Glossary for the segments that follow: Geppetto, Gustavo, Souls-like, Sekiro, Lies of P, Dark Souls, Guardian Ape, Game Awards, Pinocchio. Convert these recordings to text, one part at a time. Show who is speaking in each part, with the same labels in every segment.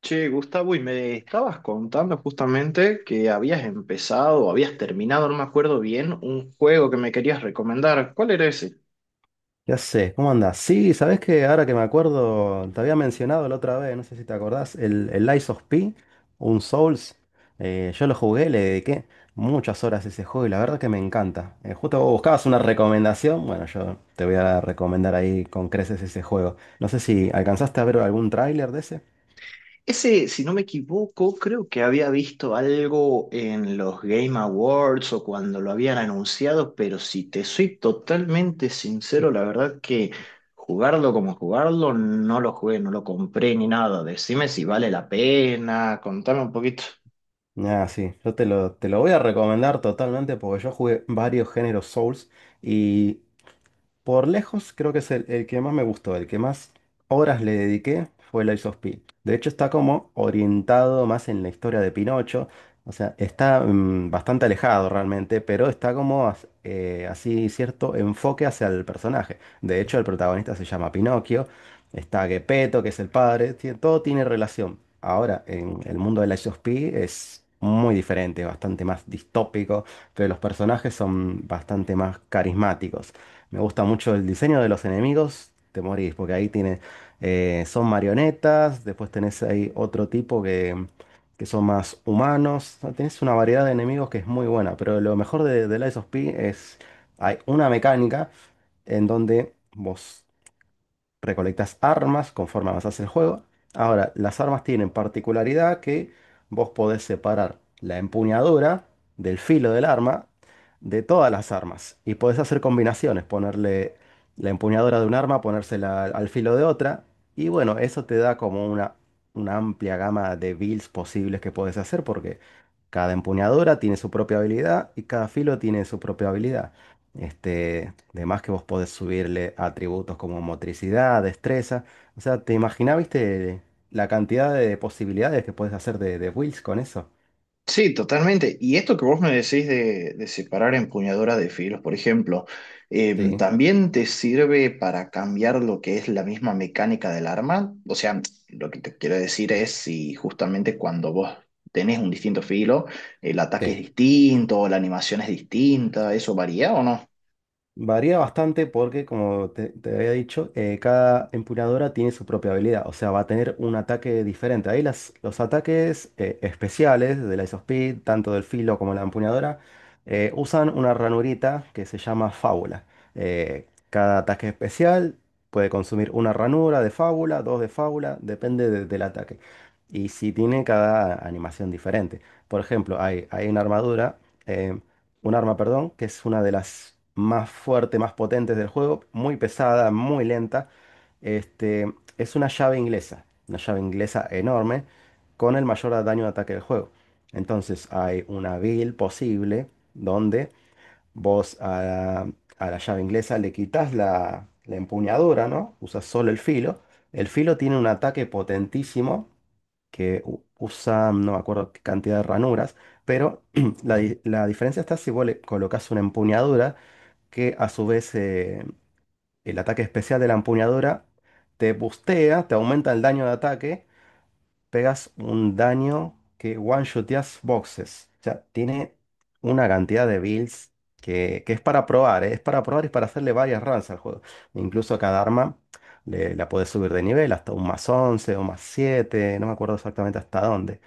Speaker 1: Che, Gustavo, y me estabas contando justamente que habías empezado o habías terminado, no me acuerdo bien, un juego que me querías recomendar. ¿Cuál era ese?
Speaker 2: Ya sé, ¿cómo andás? Sí, ¿sabés que ahora que me acuerdo, te había mencionado la otra vez, no sé si te acordás, el Lies of P, un Souls. Yo lo jugué, le dediqué muchas horas a ese juego y la verdad que me encanta. Justo vos buscabas una recomendación, bueno, yo te voy a recomendar ahí con creces ese juego. No sé si alcanzaste a ver algún tráiler de ese.
Speaker 1: Ese, si no me equivoco, creo que había visto algo en los Game Awards o cuando lo habían anunciado, pero si te soy totalmente sincero, la verdad que jugarlo como jugarlo, no lo jugué, no lo compré ni nada. Decime si vale la pena, contame un poquito.
Speaker 2: Ah, sí, yo te lo voy a recomendar totalmente porque yo jugué varios géneros Souls y por lejos, creo que es el que más me gustó, el que más horas le dediqué fue el Ice of P. De hecho, está como orientado más en la historia de Pinocho. O sea, está bastante alejado realmente, pero está como así cierto enfoque hacia el personaje. De hecho, el protagonista se llama Pinocchio. Está Geppetto, que es el padre. Todo tiene relación. Ahora, en el mundo del Ice of P es muy diferente, bastante más distópico, pero los personajes son bastante más carismáticos. Me gusta mucho el diseño de los enemigos, te morís, porque ahí tiene, son marionetas, después tenés ahí otro tipo que son más humanos, o sea, tenés una variedad de enemigos que es muy buena, pero lo mejor de Lies of P es, hay una mecánica en donde vos recolectas armas conforme avanzas el juego. Ahora, las armas tienen particularidad que vos podés separar la empuñadura del filo del arma de todas las armas y podés hacer combinaciones, ponerle la empuñadura de un arma, ponérsela al filo de otra y bueno, eso te da como una amplia gama de builds posibles que podés hacer porque cada empuñadura tiene su propia habilidad y cada filo tiene su propia habilidad. Este, demás que vos podés subirle atributos como motricidad, destreza. O sea, ¿te imaginás, viste, la cantidad de posibilidades que podés hacer de builds con eso?
Speaker 1: Sí, totalmente. Y esto que vos me decís de separar empuñadura de filos, por ejemplo,
Speaker 2: Sí,
Speaker 1: ¿también te sirve para cambiar lo que es la misma mecánica del arma? O sea, lo que te quiero decir es si justamente cuando vos tenés un distinto filo, el ataque es
Speaker 2: sí.
Speaker 1: distinto, la animación es distinta, ¿eso varía o no?
Speaker 2: Varía bastante porque, como te había dicho, cada empuñadora tiene su propia habilidad, o sea, va a tener un ataque diferente. Ahí los ataques especiales de la Isospeed, tanto del filo como la empuñadora, usan una ranurita que se llama fábula. Cada ataque especial puede consumir una ranura de fábula, dos de fábula, del ataque. Y si tiene cada animación diferente. Por ejemplo, hay una armadura. eh, un arma, perdón, que es una de las más fuertes, más potentes del juego, muy pesada, muy lenta. Este, es una llave inglesa enorme, con el mayor daño de ataque del juego. Entonces hay una build posible donde vos a, a la llave inglesa le quitas la empuñadura, ¿no? Usas solo el filo. El filo tiene un ataque potentísimo que usa, no me acuerdo qué cantidad de ranuras, pero la diferencia está si vos le colocas una empuñadura, que a su vez el ataque especial de la empuñadura te bustea, te aumenta el daño de ataque, pegas un daño que one-shoteas boxes. O sea, tiene una cantidad de builds que es para probar, ¿eh? Es para probar y para hacerle varias runs al juego. Incluso a cada arma la puedes subir de nivel hasta un más 11 o más 7, no me acuerdo exactamente hasta dónde.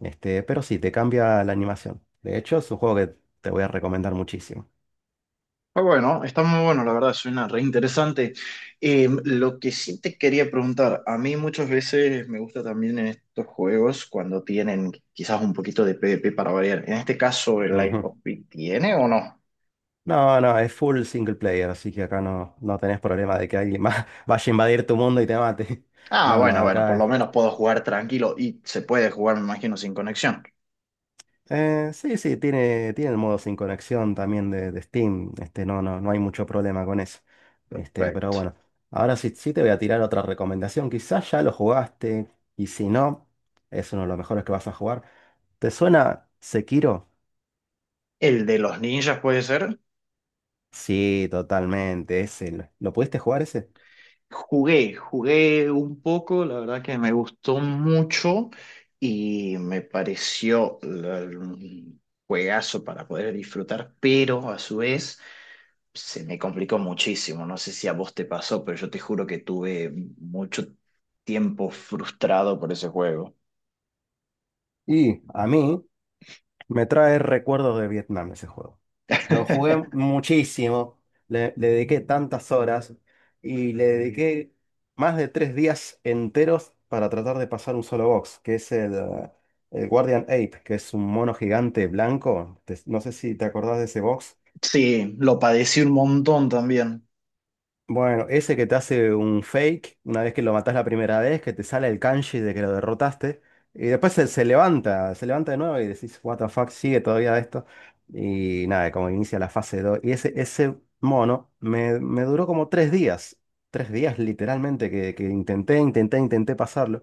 Speaker 2: Este, pero sí, te cambia la animación. De hecho, es un juego que te voy a recomendar muchísimo.
Speaker 1: Ah, bueno, está muy bueno, la verdad, suena re interesante. Lo que sí te quería preguntar, a mí muchas veces me gusta también en estos juegos cuando tienen quizás un poquito de PvP para variar. En este caso, ¿el Life
Speaker 2: Ujú.
Speaker 1: of Pi tiene o no?
Speaker 2: No, no, es full single player, así que acá no, no tenés problema de que alguien más vaya a invadir tu mundo y te mate.
Speaker 1: Ah,
Speaker 2: No, no,
Speaker 1: bueno, bueno, por lo
Speaker 2: acá
Speaker 1: menos puedo jugar tranquilo y se puede jugar, me imagino, sin conexión.
Speaker 2: Sí, sí, tiene, tiene el modo sin conexión también de Steam. Este, no, no, no hay mucho problema con eso. Este, pero
Speaker 1: Perfecto.
Speaker 2: bueno, ahora sí, sí te voy a tirar otra recomendación. Quizás ya lo jugaste y si no, es uno de los mejores que vas a jugar. ¿Te suena Sekiro?
Speaker 1: ¿El de los ninjas puede ser?
Speaker 2: Sí, totalmente. Ese, ¿lo pudiste jugar ese?
Speaker 1: Jugué, jugué un poco, la verdad que me gustó mucho y me pareció un juegazo para poder disfrutar, pero a su vez se me complicó muchísimo. No sé si a vos te pasó, pero yo te juro que tuve mucho tiempo frustrado por ese juego.
Speaker 2: Y a mí me trae recuerdos de Vietnam ese juego. Lo jugué muchísimo, le dediqué tantas horas y le dediqué más de tres días enteros para tratar de pasar un solo box, que es el Guardian Ape, que es un mono gigante blanco. No sé si te acordás de ese box.
Speaker 1: Sí, lo padecí un montón también.
Speaker 2: Bueno, ese que te hace un fake, una vez que lo matás la primera vez, que te sale el kanji de que lo derrotaste, y después se levanta de nuevo y decís, what the fuck, sigue todavía esto. Y nada, como inicia la fase dos. Y ese mono me duró como tres días. Tres días literalmente que intenté, intenté, intenté pasarlo.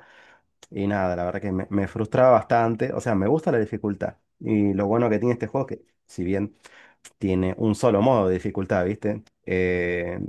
Speaker 2: Y nada, la verdad que me frustraba bastante. O sea, me gusta la dificultad. Y lo bueno que tiene este juego es que, si bien tiene un solo modo de dificultad, ¿viste?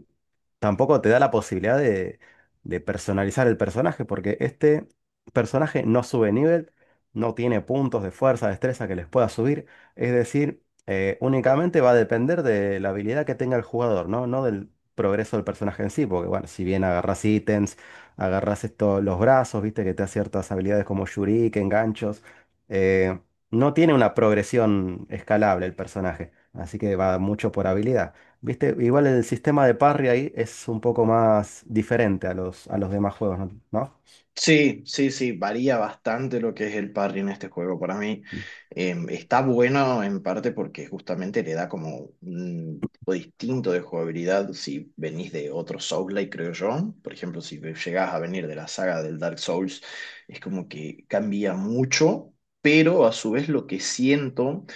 Speaker 2: Tampoco te da la posibilidad de personalizar el personaje, porque este personaje no sube nivel, no tiene puntos de fuerza, destreza que les pueda subir, es decir, únicamente va a depender de la habilidad que tenga el jugador, ¿no? No del progreso del personaje en sí, porque bueno, si bien agarras ítems, agarras esto, los brazos, viste que te da ciertas habilidades como shuriken, ganchos, eh, no tiene una progresión escalable el personaje, así que va mucho por habilidad. ¿Viste? Igual el sistema de parry ahí es un poco más diferente a los demás juegos, ¿no? ¿No?
Speaker 1: Sí, sí, sí, varía bastante lo que es el parry en este juego. Para mí está bueno en parte porque justamente le da como un tipo distinto de jugabilidad si venís de otro Souls-like, creo yo. Por ejemplo, si llegás a venir de la saga del Dark Souls, es como que cambia mucho, pero a su vez lo que siento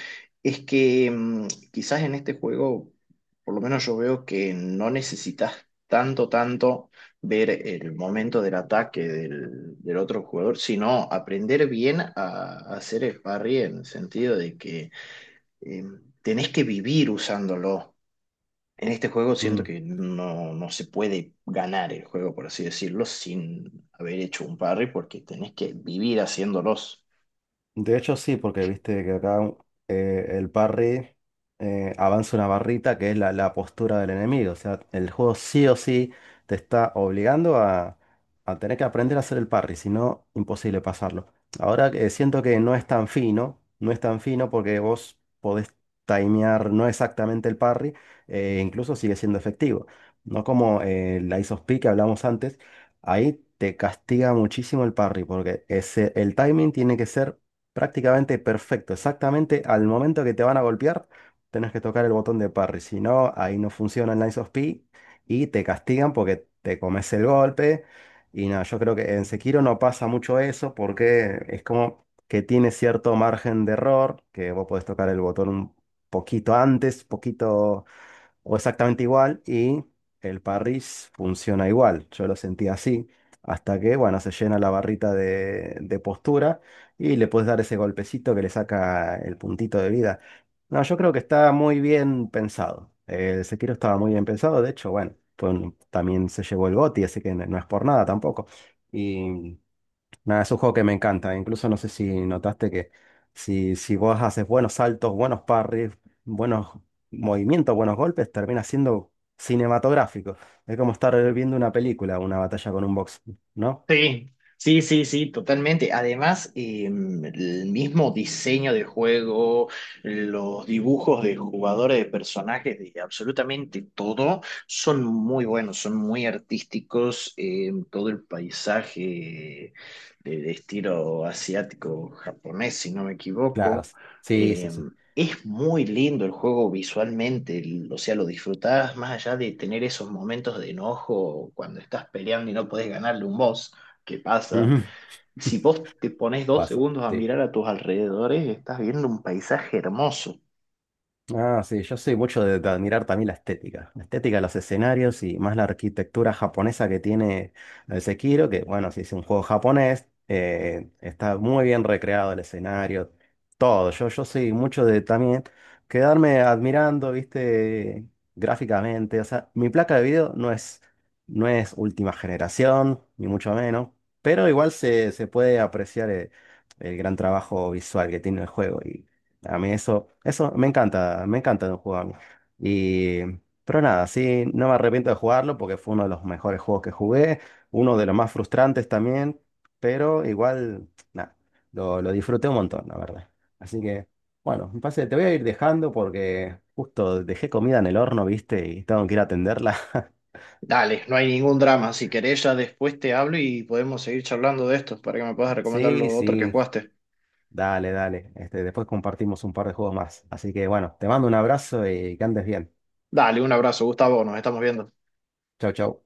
Speaker 1: es que quizás en este juego, por lo menos yo veo que no necesitas tanto ver el momento del ataque del otro jugador, sino aprender bien a hacer el parry en el sentido de que eh, tenés que vivir usándolo. En este juego siento
Speaker 2: Mm.
Speaker 1: que no se puede ganar el juego, por así decirlo, sin haber hecho un parry, porque tenés que vivir haciéndolos.
Speaker 2: De hecho, sí, porque viste que acá el parry avanza una barrita que es la, la postura del enemigo. O sea, el juego sí o sí te está obligando a tener que aprender a hacer el parry, si no, imposible pasarlo. Ahora que siento que no es tan fino, no es tan fino porque vos podés timear no exactamente el parry, incluso sigue siendo efectivo. No como la Ace of P que hablamos antes, ahí te castiga muchísimo el parry porque ese, el timing tiene que ser prácticamente perfecto, exactamente al momento que te van a golpear, tenés que tocar el botón de parry, si no, ahí no funciona el Lines of P y te castigan porque te comes el golpe. Y nada, yo creo que en Sekiro no pasa mucho eso porque es como que tiene cierto margen de error, que vos podés tocar el botón un poquito antes, poquito o exactamente igual y el Parris funciona igual. Yo lo sentí así hasta que, bueno, se llena la barrita de postura y le puedes dar ese golpecito que le saca el puntito de vida. No, yo creo que está muy bien pensado. El Sekiro estaba muy bien pensado, de hecho, bueno, también se llevó el GOTY, así que no, no es por nada tampoco. Y nada, es un juego que me encanta. Incluso no sé si notaste que si, si vos haces buenos saltos, buenos parries, buenos movimientos, buenos golpes, termina siendo cinematográfico. Es como estar viendo una película, una batalla con un box, ¿no?
Speaker 1: Sí, sí, sí, sí, totalmente. Además, el mismo diseño de juego, los dibujos de jugadores, de personajes, de absolutamente todo, son muy buenos, son muy artísticos. Todo el paisaje de estilo asiático, japonés, si no me
Speaker 2: Claro.
Speaker 1: equivoco.
Speaker 2: Sí, sí, sí.
Speaker 1: Es muy lindo el juego visualmente, o sea, lo disfrutás más allá de tener esos momentos de enojo cuando estás peleando y no podés ganarle un boss qué pasa.
Speaker 2: Ujú.
Speaker 1: Si vos te pones dos
Speaker 2: Pasa.
Speaker 1: segundos a
Speaker 2: Sí.
Speaker 1: mirar a tus alrededores, estás viendo un paisaje hermoso.
Speaker 2: Ah, sí, yo soy mucho de admirar también la estética de los escenarios y más la arquitectura japonesa que tiene el Sekiro, que bueno, si es un juego japonés, está muy bien recreado el escenario, todo. Yo soy mucho de también quedarme admirando, viste, gráficamente. O sea, mi placa de video no es, no es última generación, ni mucho menos, pero igual se puede apreciar el gran trabajo visual que tiene el juego. A mí eso me encanta de un juego a mí. Y, pero nada, sí, no me arrepiento de jugarlo porque fue uno de los mejores juegos que jugué, uno de los más frustrantes también, pero igual, nada, lo disfruté un montón, la verdad. Así que, bueno, me parece que te voy a ir dejando porque justo dejé comida en el horno, ¿viste? Y tengo que ir a atenderla.
Speaker 1: Dale, no hay ningún drama. Si querés, ya después te hablo y podemos seguir charlando de esto para que me puedas recomendar
Speaker 2: Sí,
Speaker 1: lo otro que
Speaker 2: sí,
Speaker 1: jugaste.
Speaker 2: dale, dale. Este, después compartimos un par de juegos más. Así que, bueno, te mando un abrazo y que andes bien.
Speaker 1: Dale, un abrazo, Gustavo. Nos estamos viendo.
Speaker 2: Chau, chau.